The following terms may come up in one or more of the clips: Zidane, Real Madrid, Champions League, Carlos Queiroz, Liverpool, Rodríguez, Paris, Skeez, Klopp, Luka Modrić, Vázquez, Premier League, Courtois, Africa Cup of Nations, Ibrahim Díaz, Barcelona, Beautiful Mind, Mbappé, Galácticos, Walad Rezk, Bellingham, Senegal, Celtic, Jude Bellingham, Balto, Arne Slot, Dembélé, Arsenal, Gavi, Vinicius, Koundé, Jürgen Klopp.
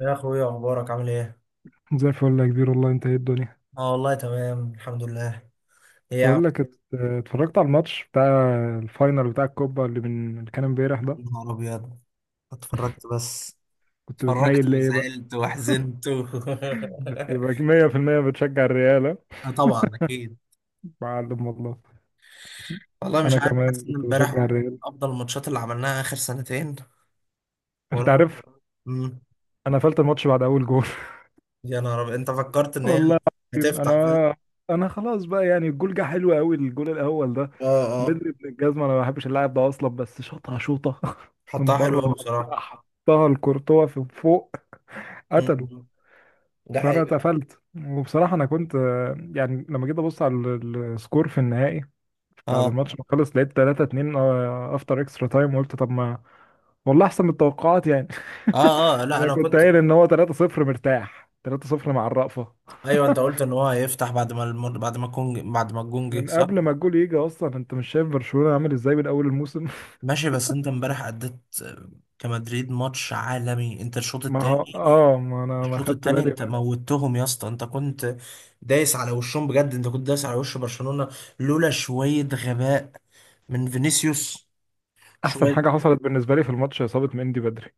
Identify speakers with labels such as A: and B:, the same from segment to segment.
A: يا اخويا، اخبارك عامل ايه؟
B: زي الفل يا كبير، والله انت ايه الدنيا؟
A: اه، والله تمام الحمد لله. ايه يا عم؟
B: بقول لك اتفرجت على الماتش بتاع الفاينل بتاع الكوبا اللي من اللي كان امبارح ده.
A: يا نهار ابيض! اتفرجت بس.
B: كنت
A: اتفرجت
B: بتميل ليه بقى؟
A: وزعلت وحزنت
B: يبقى 100% بتشجع الريال، ها؟
A: آه، طبعا اكيد.
B: معلم والله.
A: والله مش
B: انا
A: عارف،
B: كمان
A: حاسس ان
B: كنت
A: امبارح
B: بشجع
A: واحد من
B: الريال،
A: افضل الماتشات اللي عملناها اخر سنتين،
B: انت
A: ورغم
B: عارف.
A: مم.
B: انا قفلت الماتش بعد اول جول.
A: يا نهار ابيض، انت فكرت ان هي
B: والله العظيم،
A: هتفتح، فاهم؟
B: انا خلاص بقى، يعني الجول جه حلو قوي، الجول الاول ده.
A: اه اه.
B: بدري ابن الجزمه، انا ما بحبش اللاعب ده اصلا، بس شاطها شوطه من
A: حطها حلو
B: بره
A: قوي بصراحه.
B: المنطقه حطها لكورتوا في فوق، قتله.
A: مم. ده
B: فانا
A: حقيقي.
B: اتقفلت. وبصراحه انا كنت يعني لما جيت ابص على السكور في النهائي بعد
A: اه
B: الماتش ما خلص، لقيت 3-2 افتر اكسترا تايم، وقلت طب ما والله احسن من التوقعات يعني.
A: اه اه، لا
B: انا
A: انا
B: كنت
A: كنت.
B: قايل ان هو 3-0 مرتاح، 3-0 مع الرأفة،
A: ايوه، انت قلت ان هو هيفتح بعد ما الم... بعد ما الجون بعد ما الجون جه،
B: من
A: صح؟
B: قبل ما الجول يجي اصلا. انت مش شايف برشلونة عامل ازاي من اول الموسم؟
A: ماشي، بس انت امبارح اديت، آه، كمدريد ماتش عالمي، انت الشوط
B: ما
A: التاني.
B: هو ما انا ما
A: الشوط
B: خدت
A: التاني
B: بالي
A: انت
B: بقى.
A: موتهم يا اسطى، انت كنت دايس على وشهم بجد، انت كنت دايس على وش برشلونة، لولا شوية غباء من فينيسيوس
B: احسن حاجة
A: شوية.
B: حصلت بالنسبة لي في الماتش اصابة مندي بدري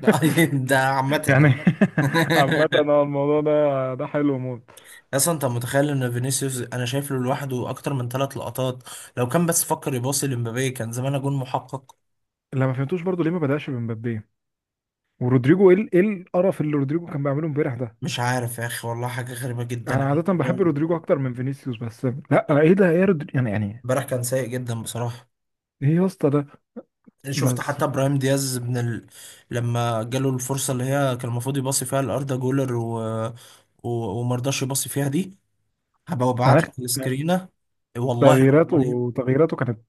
A: لا. ده عامة
B: يعني
A: يعني.
B: عامة، هو الموضوع ده حلو موت.
A: اصلا انت متخيل ان فينيسيوس انا شايف له لوحده اكتر من ثلاث لقطات؟ لو كان بس فكر يباصي لمبابي كان زمان جون محقق.
B: اللي ما فهمتوش برضو ليه ما بدأش بمبابي ورودريجو. ايه ايه القرف اللي رودريجو كان بيعمله امبارح ده؟
A: مش عارف يا اخي، والله حاجة غريبة
B: انا
A: جدا.
B: عادة بحب رودريجو اكتر من فينيسيوس، بس لا، ايه ده، ايه رودريجو يعني.
A: امبارح كان سيء جدا بصراحة.
B: ايه يا اسطى ده.
A: شفت
B: بس
A: حتى ابراهيم دياز من لما جاله الفرصه اللي هي كان المفروض يباصي فيها لاردا جولر و... ومرضاش يباصي فيها دي. هبقى
B: انا آخر-
A: ابعت لك
B: يعني
A: السكرينه، والله العظيم.
B: تغييراته كانت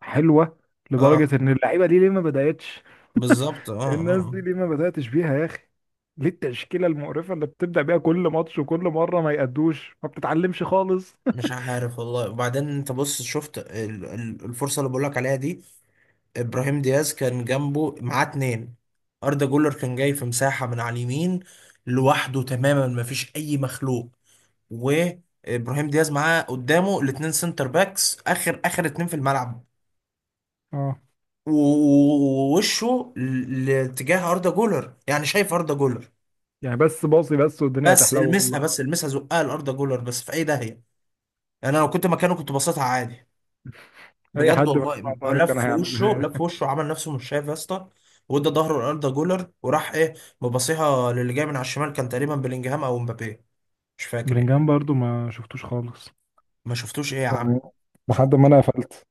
B: حلوة،
A: اه،
B: لدرجة ان اللعيبة دي ليه ما بدأتش.
A: بالظبط، اه اه
B: الناس دي
A: آه.
B: ليه ما بدأتش بيها يا اخي؟ ليه التشكيلة المقرفة اللي بتبدأ بيها كل ماتش، وكل مرة ما يأدوش، ما بتتعلمش خالص
A: مش عارف والله. وبعدين انت بص، شفت الفرصه اللي بقول لك عليها دي؟ ابراهيم دياز كان جنبه معاه اتنين، اردا جولر كان جاي في مساحه من على اليمين لوحده تماما، مفيش اي مخلوق، وابراهيم دياز معاه قدامه الاتنين سنتر باكس، اخر اخر اتنين في الملعب،
B: اه،
A: ووشه لاتجاه اردا جولر، يعني شايف اردا جولر.
B: يعني بس باصي بس والدنيا
A: بس
B: هتحلو
A: المسها،
B: والله.
A: بس المسها، زقها لاردا جولر بس في اي داهيه. يعني انا لو كنت مكانه كنت بصيتها عادي، بجد
B: اي
A: أكيد
B: حد مكان
A: والله.
B: عطاها كان
A: لف
B: هيعملها
A: وشه، لف
B: يعني.
A: وشه، عمل نفسه مش شايف يا اسطى، وادى ظهره لاردا جولر وراح ايه، مبصيها للي جاي من على الشمال، كان تقريبا بلينجهام او مبابي، مش فاكر يعني.
B: بلينجهام برضو ما شفتوش خالص،
A: ما شفتوش؟ ايه يا عم؟
B: يعني
A: ما
B: لحد
A: شفتوش.
B: ما انا قفلت.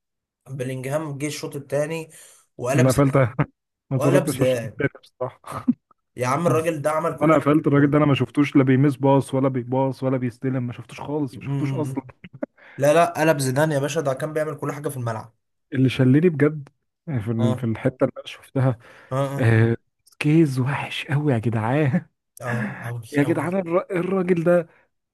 A: بلينجهام جه الشوط الثاني وقلب،
B: انا قفلت ما اتفرجتش على الشوط
A: زيدان،
B: التاني بصراحه
A: يا عم الراجل ده عمل كل
B: انا
A: حاجه في
B: قفلت الراجل
A: الكوره.
B: ده، انا ما شفتوش لا بيمس باص ولا بيباص ولا بيستلم، ما شفتوش خالص، ما شفتوش
A: أمم.
B: اصلا.
A: لا لا، قلب زيدان يا باشا، ده كان بيعمل كل حاجه في الملعب.
B: اللي شلني بجد في في
A: اه
B: الحته اللي انا شفتها،
A: اه. اه
B: آه، سكيز وحش قوي يا جدعان.
A: اه اوي
B: يا
A: اوي.
B: جدعان الراجل ده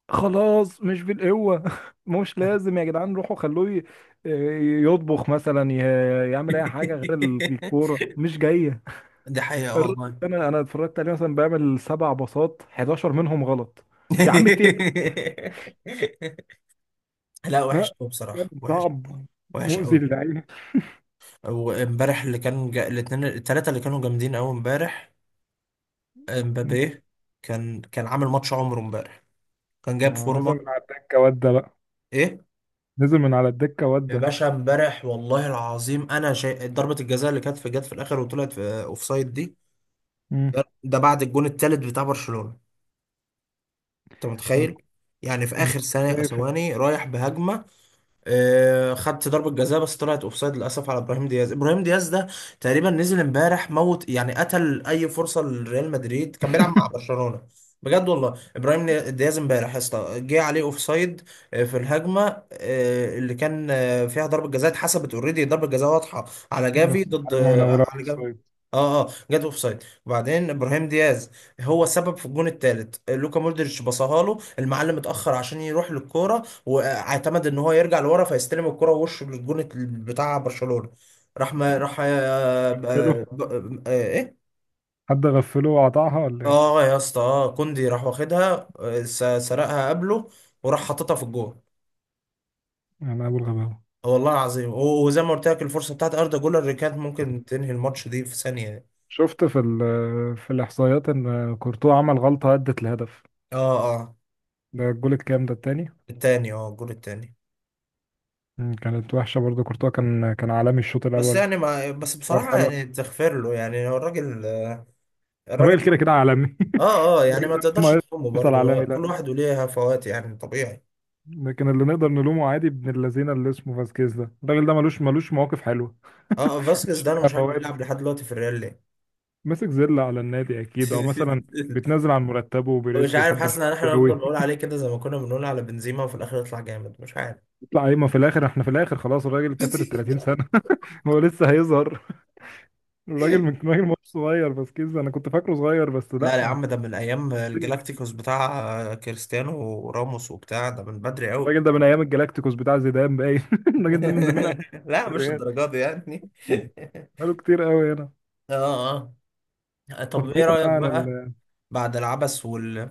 B: خلاص، مش بالقوه مش لازم يا جدعان، روحوا خلوه آه، يطبخ مثلا، يعمل اي حاجه غير الكوره مش جايه.
A: دي حقيقه
B: الراجل
A: والله.
B: ده انا اتفرجت عليه مثلا بيعمل سبع باصات، 11 منهم غلط. يا عم التيل،
A: لا، وحش
B: لا
A: قوي
B: كان
A: بصراحه، وحش.
B: صعب،
A: وحش
B: مؤذي
A: قوي.
B: للعين.
A: وامبارح اللي كان الاثنين الثلاثه اللي كانوا جامدين قوي امبارح، امبابي كان عامل ماتش عمره امبارح، كان جاب
B: ما هو نزل
A: فورمه.
B: من على الدكه وده بقى،
A: ايه
B: نزل من على الدكه
A: يا
B: وده.
A: باشا، امبارح والله العظيم انا شيء ضربة الجزاء اللي كانت في جت في الاخر وطلعت في اوفسايد دي،
B: امم
A: ده بعد الجون التالت بتاع برشلونة. انت
B: انا
A: متخيل؟ يعني في
B: انا
A: اخر
B: كنت
A: ثانية
B: شايف
A: ثواني رايح بهجمة، خدت ضربة جزاء بس طلعت اوفسايد للاسف على ابراهيم دياز. ابراهيم دياز ده تقريبا نزل امبارح موت، يعني قتل اي فرصة لريال مدريد كان بيلعب مع برشلونة، بجد والله. ابراهيم دياز امبارح يا اسطى جه عليه اوفسايد، في الهجمة اللي كان فيها ضربة جزاء اتحسبت اوريدي، ضربة جزاء واضحة على جافي،
B: بس
A: ضد
B: الهجمه منوره في
A: على جافي.
B: الصيد.
A: اه اه، جت اوف سايد. وبعدين ابراهيم دياز هو سبب في الجون الثالث لوكا مودريتش، بصاها له المعلم، اتاخر عشان يروح للكوره، واعتمد ان هو يرجع لورا فيستلم الكرة ووشه للجون بتاع برشلونة، راح ما راح،
B: غفله،
A: ايه،
B: حد غفله وقطعها ولا ايه؟
A: اه يا اسطى، كوندي راح واخدها، سرقها قبله وراح حاططها في الجون.
B: انا ابو الغباوه.
A: والله العظيم. وزي ما قلت لك، الفرصة بتاعت اردا جولر اللي كانت ممكن تنهي الماتش دي في ثانية.
B: شفت في في الاحصائيات ان كورتوا عمل غلطه ادت لهدف.
A: اه اه.
B: ده الجول الكام، ده التاني؟
A: التاني، اه، الجول التاني.
B: كانت وحشه برضه. كورتوا كان عالمي الشوط
A: بس
B: الاول،
A: يعني، ما بس
B: بار
A: بصراحة
B: حلو.
A: يعني تغفر له، يعني هو الراجل، الراجل.
B: الراجل كده كده عالمي.
A: اه اه، يعني
B: الراجل
A: ما
B: ده
A: تقدرش
B: مهما،
A: تلومه
B: يفضل
A: برضه،
B: عالمي، لا
A: كل
B: لا.
A: واحد وليه هفوات، يعني طبيعي.
B: لكن اللي نقدر نلومه عادي ابن اللذينه اللي اسمه فاسكيز ده، الراجل ده ملوش مواقف حلوه
A: اه، فاسكيز
B: مش
A: ده انا
B: ليها
A: مش عارف
B: فوات،
A: بيلعب لحد دلوقتي في الريال ليه.
B: ماسك زله على النادي اكيد، او مثلا بتنزل عن مرتبه وبيريز
A: مش عارف،
B: بيحب
A: حاسس
B: الحاجات
A: ان
B: دي
A: احنا
B: قوي
A: نفضل نقول عليه كده زي ما كنا بنقول على بنزيما وفي الاخر يطلع جامد، مش عارف.
B: يطلع ايه، ما في الاخر احنا، في الاخر خلاص الراجل كسر ال 30 سنه هو لسه هيظهر؟ الراجل من راجل مش صغير فاسكيز ده، انا كنت فاكره صغير بس
A: لا يا
B: لا.
A: عم، ده من ايام الجلاكتيكوس بتاع كريستيانو وراموس وبتاع، ده من بدري قوي.
B: الراجل ده من ايام الجلاكتيكوس بتاع زيدان باين الراجل ده من زمان قوي
A: لا،
B: في
A: مش
B: الريال،
A: الدرجات دي يعني.
B: بقاله كتير قوي هنا.
A: اه اه،
B: طب
A: طب ايه
B: بعيدا بقى
A: رأيك
B: عن
A: بقى، بعد العبث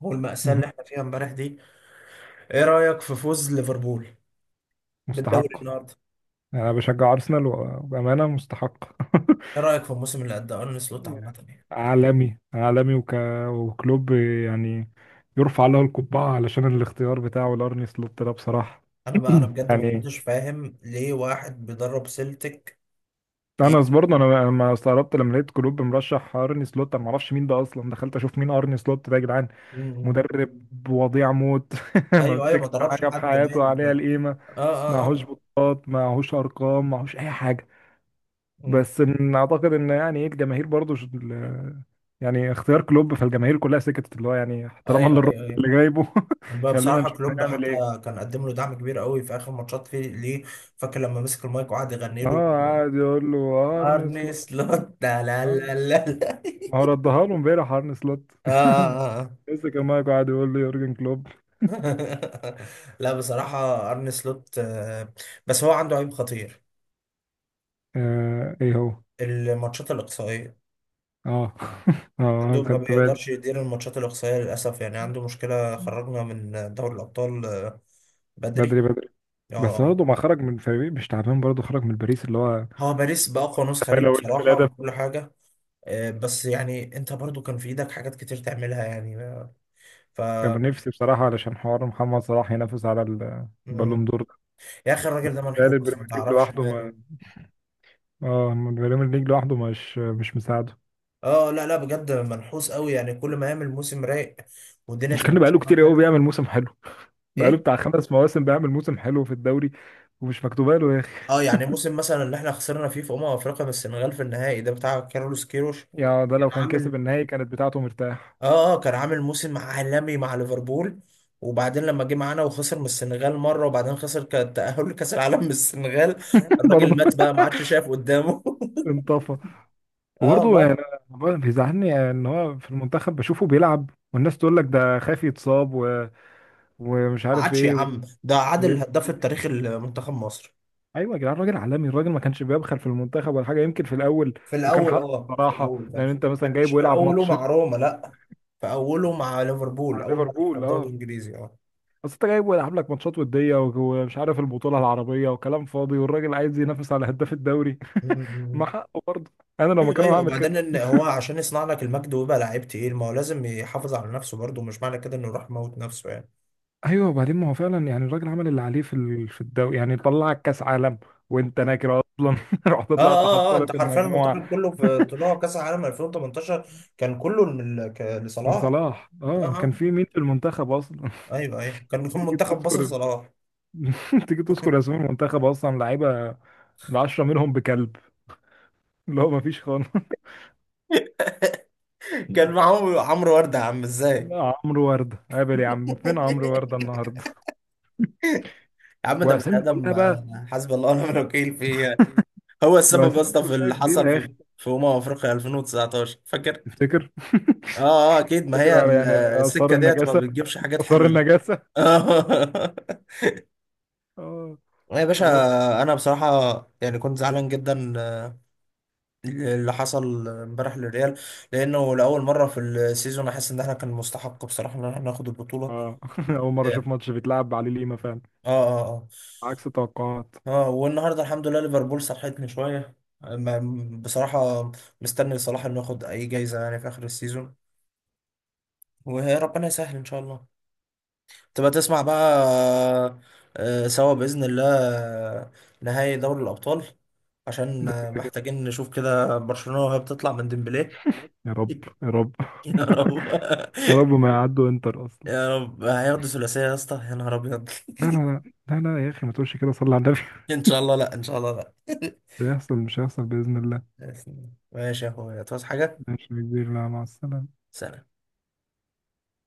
A: والمأساة
B: مهم.
A: اللي احنا فيها امبارح دي، ايه رأيك في فوز ليفربول بالدوري
B: مستحق،
A: النهارده؟
B: يعني انا بشجع ارسنال وبامانه مستحق
A: ايه رأيك في الموسم اللي قدمه ارن سلوت عامة يعني؟
B: عالمي عالمي وكلوب يعني، يرفع له القبعه علشان الاختيار بتاعه لارني سلوت ده بصراحه.
A: انا بقى، انا بجد ما
B: يعني
A: كنتش فاهم ليه واحد بيدرب سيلتك
B: انا
A: يجي.
B: برضه أنا ما استغربت لما لقيت كلوب مرشح ارني سلوت. انا ما اعرفش مين ده اصلا، دخلت اشوف مين ارني سلوت ده يا جدعان،
A: مم.
B: مدرب وضيع موت ما
A: ايوه ايوه، ما
B: مسكش
A: دربش
B: حاجه في
A: حد
B: حياته
A: باين،
B: عليها القيمه،
A: اه. اه
B: معهوش
A: اه.
B: بطولات، معهوش ارقام، معهوش اي حاجه.
A: مم.
B: بس إن اعتقد ان يعني ايه الجماهير برضو يعني اختيار كلوب، فالجماهير كلها سكتت، اللي هو يعني احتراما
A: ايوه
B: للراجل
A: ايوه ايوه.
B: اللي جايبه
A: بقى
B: خلينا
A: بصراحه
B: نشوف
A: كلوب
B: هيعمل
A: حتى
B: ايه.
A: كان قدم له دعم كبير قوي في اخر ماتشات فيه ليه، فاكر لما مسك المايك وقعد يغني
B: اه،
A: له
B: قاعد يقول له ارن سلوت،
A: ارنس لوت؟ لا لا
B: آه،
A: لا لا لا.
B: ما هو ردها له امبارح ارن سلوت.
A: اه آه، آه.
B: لسه كان مايكو قاعد يقول له يورجن كلوب.
A: لا بصراحه ارني سلوت، بس هو عنده عيب خطير،
B: آه، ايه هو؟
A: الماتشات الاقصائيه،
B: اه
A: عنده
B: اه،
A: ما
B: خدت بالي.
A: بيقدرش يدير الماتشات الإقصائية للأسف، يعني عنده مشكلة، خرجنا من دوري الأبطال بدري.
B: بدري بدري. بس
A: اه،
B: برضه ما خرج من فريق مش تعبان، برضه خرج من باريس اللي هو
A: هو باريس بأقوى نسخة ليه
B: تفاؤل اول
A: بصراحة،
B: ثلاثه.
A: بكل حاجة، بس يعني انت برضو كان في ايدك حاجات كتير تعملها يعني، آه، ف
B: كان نفسي بصراحه علشان حوار محمد صلاح ينافس على
A: مم.
B: البالون دور.
A: يا اخي الراجل ده
B: قال
A: منحوس، ما
B: البريمير ليج
A: تعرفش
B: لوحده،
A: ماله.
B: ما اه البريمير ليج لوحده مش مساعده.
A: اه، لا لا، بجد منحوس قوي، يعني كل ما يعمل موسم رايق والدنيا
B: مش
A: تبقى
B: كان
A: ماشيه
B: بقاله
A: معاه
B: كتير قوي
A: حلو.
B: بيعمل موسم حلو؟ بقاله
A: ايه.
B: بتاع 5 مواسم بيعمل موسم حلو في الدوري، ومش مكتوبه له يا اخي.
A: اه، يعني موسم مثلا اللي احنا خسرنا فيه في افريقيا من السنغال في النهائي ده بتاع كارلوس كيروش،
B: يا ده،
A: كان
B: لو كان كسب
A: عامل،
B: النهائي كانت بتاعته مرتاح.
A: اه كان عامل موسم عالمي مع ليفربول. وبعدين لما جه معانا وخسر من السنغال مره، وبعدين خسر التأهل لكأس العالم من السنغال، الراجل
B: برضه
A: مات بقى، ما عادش شايف قدامه.
B: انطفى،
A: اه
B: وبرضه يعني
A: والله.
B: أنا بيزعلني ان هو في المنتخب بشوفه بيلعب والناس تقول لك ده خايف يتصاب ومش
A: ما
B: عارف
A: عادش يا
B: ايه
A: عم، ده
B: وما
A: عادل الهداف
B: بيأديش.
A: التاريخي لمنتخب مصر.
B: ايوه يا جدعان، الراجل عالمي، الراجل ما كانش بيبخل في المنتخب ولا حاجه، يمكن في الاول.
A: في
B: وكان
A: الاول،
B: حقه
A: اه في
B: بصراحه،
A: الاول بقى.
B: لان انت مثلا
A: مش
B: جايبه
A: في
B: يلعب
A: اوله
B: ماتش مع
A: مع روما، لا، في اوله مع ليفربول، اول ما راح
B: ليفربول.
A: الدوري
B: اه،
A: الانجليزي، اه.
B: اصل انت جايبه يلعب لك ماتشات وديه ومش عارف البطوله العربيه وكلام فاضي، والراجل عايز ينافس على هداف الدوري ما
A: مم.
B: حقه برضه، انا لو
A: ايوه
B: مكانه
A: ايوه،
B: هعمل كده.
A: وبعدين ان هو عشان يصنع لك المجد ويبقى لعيب تقيل، ما هو لازم يحافظ على نفسه برضه، مش معنى كده انه يروح يموت نفسه يعني.
B: ايوه، وبعدين ما هو فعلا يعني الراجل عمل اللي عليه في في الدوري، يعني طلعك كاس عالم وانت ناكر اصلا رحت
A: اه
B: طلعت،
A: اه اه، انت
B: حصلت
A: حرفيا
B: المجموعه
A: المنتخب كله في طلوع كاس العالم 2018 كان كله من
B: من
A: لصلاح.
B: صلاح.
A: اه
B: اه كان
A: اه،
B: في مين في المنتخب اصلا؟
A: ايوه ايوه، كان كان
B: تيجي
A: منتخب مصر
B: تذكر
A: صلاح.
B: تيجي تذكر اسماء المنتخب، اصلا لعيبه العشرة منهم بكلب، اللي هو ما فيش خالص
A: كان معاهم عمرو ورده يا عم ازاي؟
B: لا، عمرو وردة قابل يا عم، فين عمرو وردة النهارده؟
A: يا عم ده بني
B: واسامي
A: ادم،
B: كلها بقى،
A: حسبي الله ونعم الوكيل فيه. هو السبب يا
B: واسامي
A: اسطى في
B: كلها
A: اللي حصل
B: كبيرة يا
A: في
B: اخي.
A: في افريقيا 2019، فاكر؟
B: تفتكر؟
A: اه اه اكيد، ما
B: تفتكر
A: هي
B: على يعني، آثار
A: السكه ديت ما
B: النجاسة،
A: بتجيبش حاجات
B: آثار
A: حلوه.
B: النجاسة. اه
A: يا باشا،
B: خلاص.
A: انا بصراحه يعني كنت زعلان جدا اللي حصل امبارح للريال، لانه لاول مره في السيزون احس ان احنا كان مستحق بصراحه ان احنا ناخد البطوله.
B: اه أول مرة
A: اه
B: أشوف ماتش بيتلعب عليه ليما فعلا،
A: اه اه
B: عكس توقعات.
A: اه، والنهارده الحمد لله ليفربول صحتني شويه. بصراحه مستني صلاح انه ياخد اي جايزه يعني في اخر السيزون، وربنا يسهل ان شاء الله، تبقى تسمع بقى، سوا باذن الله، آه، نهائي دوري الابطال، عشان
B: ده كده كده.
A: محتاجين نشوف كده برشلونه وهي بتطلع من ديمبلي.
B: يا رب، يا رب
A: يا رب.
B: يا رب ما يعدوا انتر أصلا.
A: يا رب هياخدوا ثلاثية يا اسطى، يا نهار أبيض.
B: لا لا لا لا لا، يا أخي ما تقولش كده، صلي على النبي
A: إن شاء الله، لأ إن شاء الله، لأ.
B: مش هيحصل، مش هيحصل بإذن الله.
A: ماشي يا أخويا، تعوز حاجة؟
B: ماشي يا كبير، لا، مع السلامة.
A: سلام.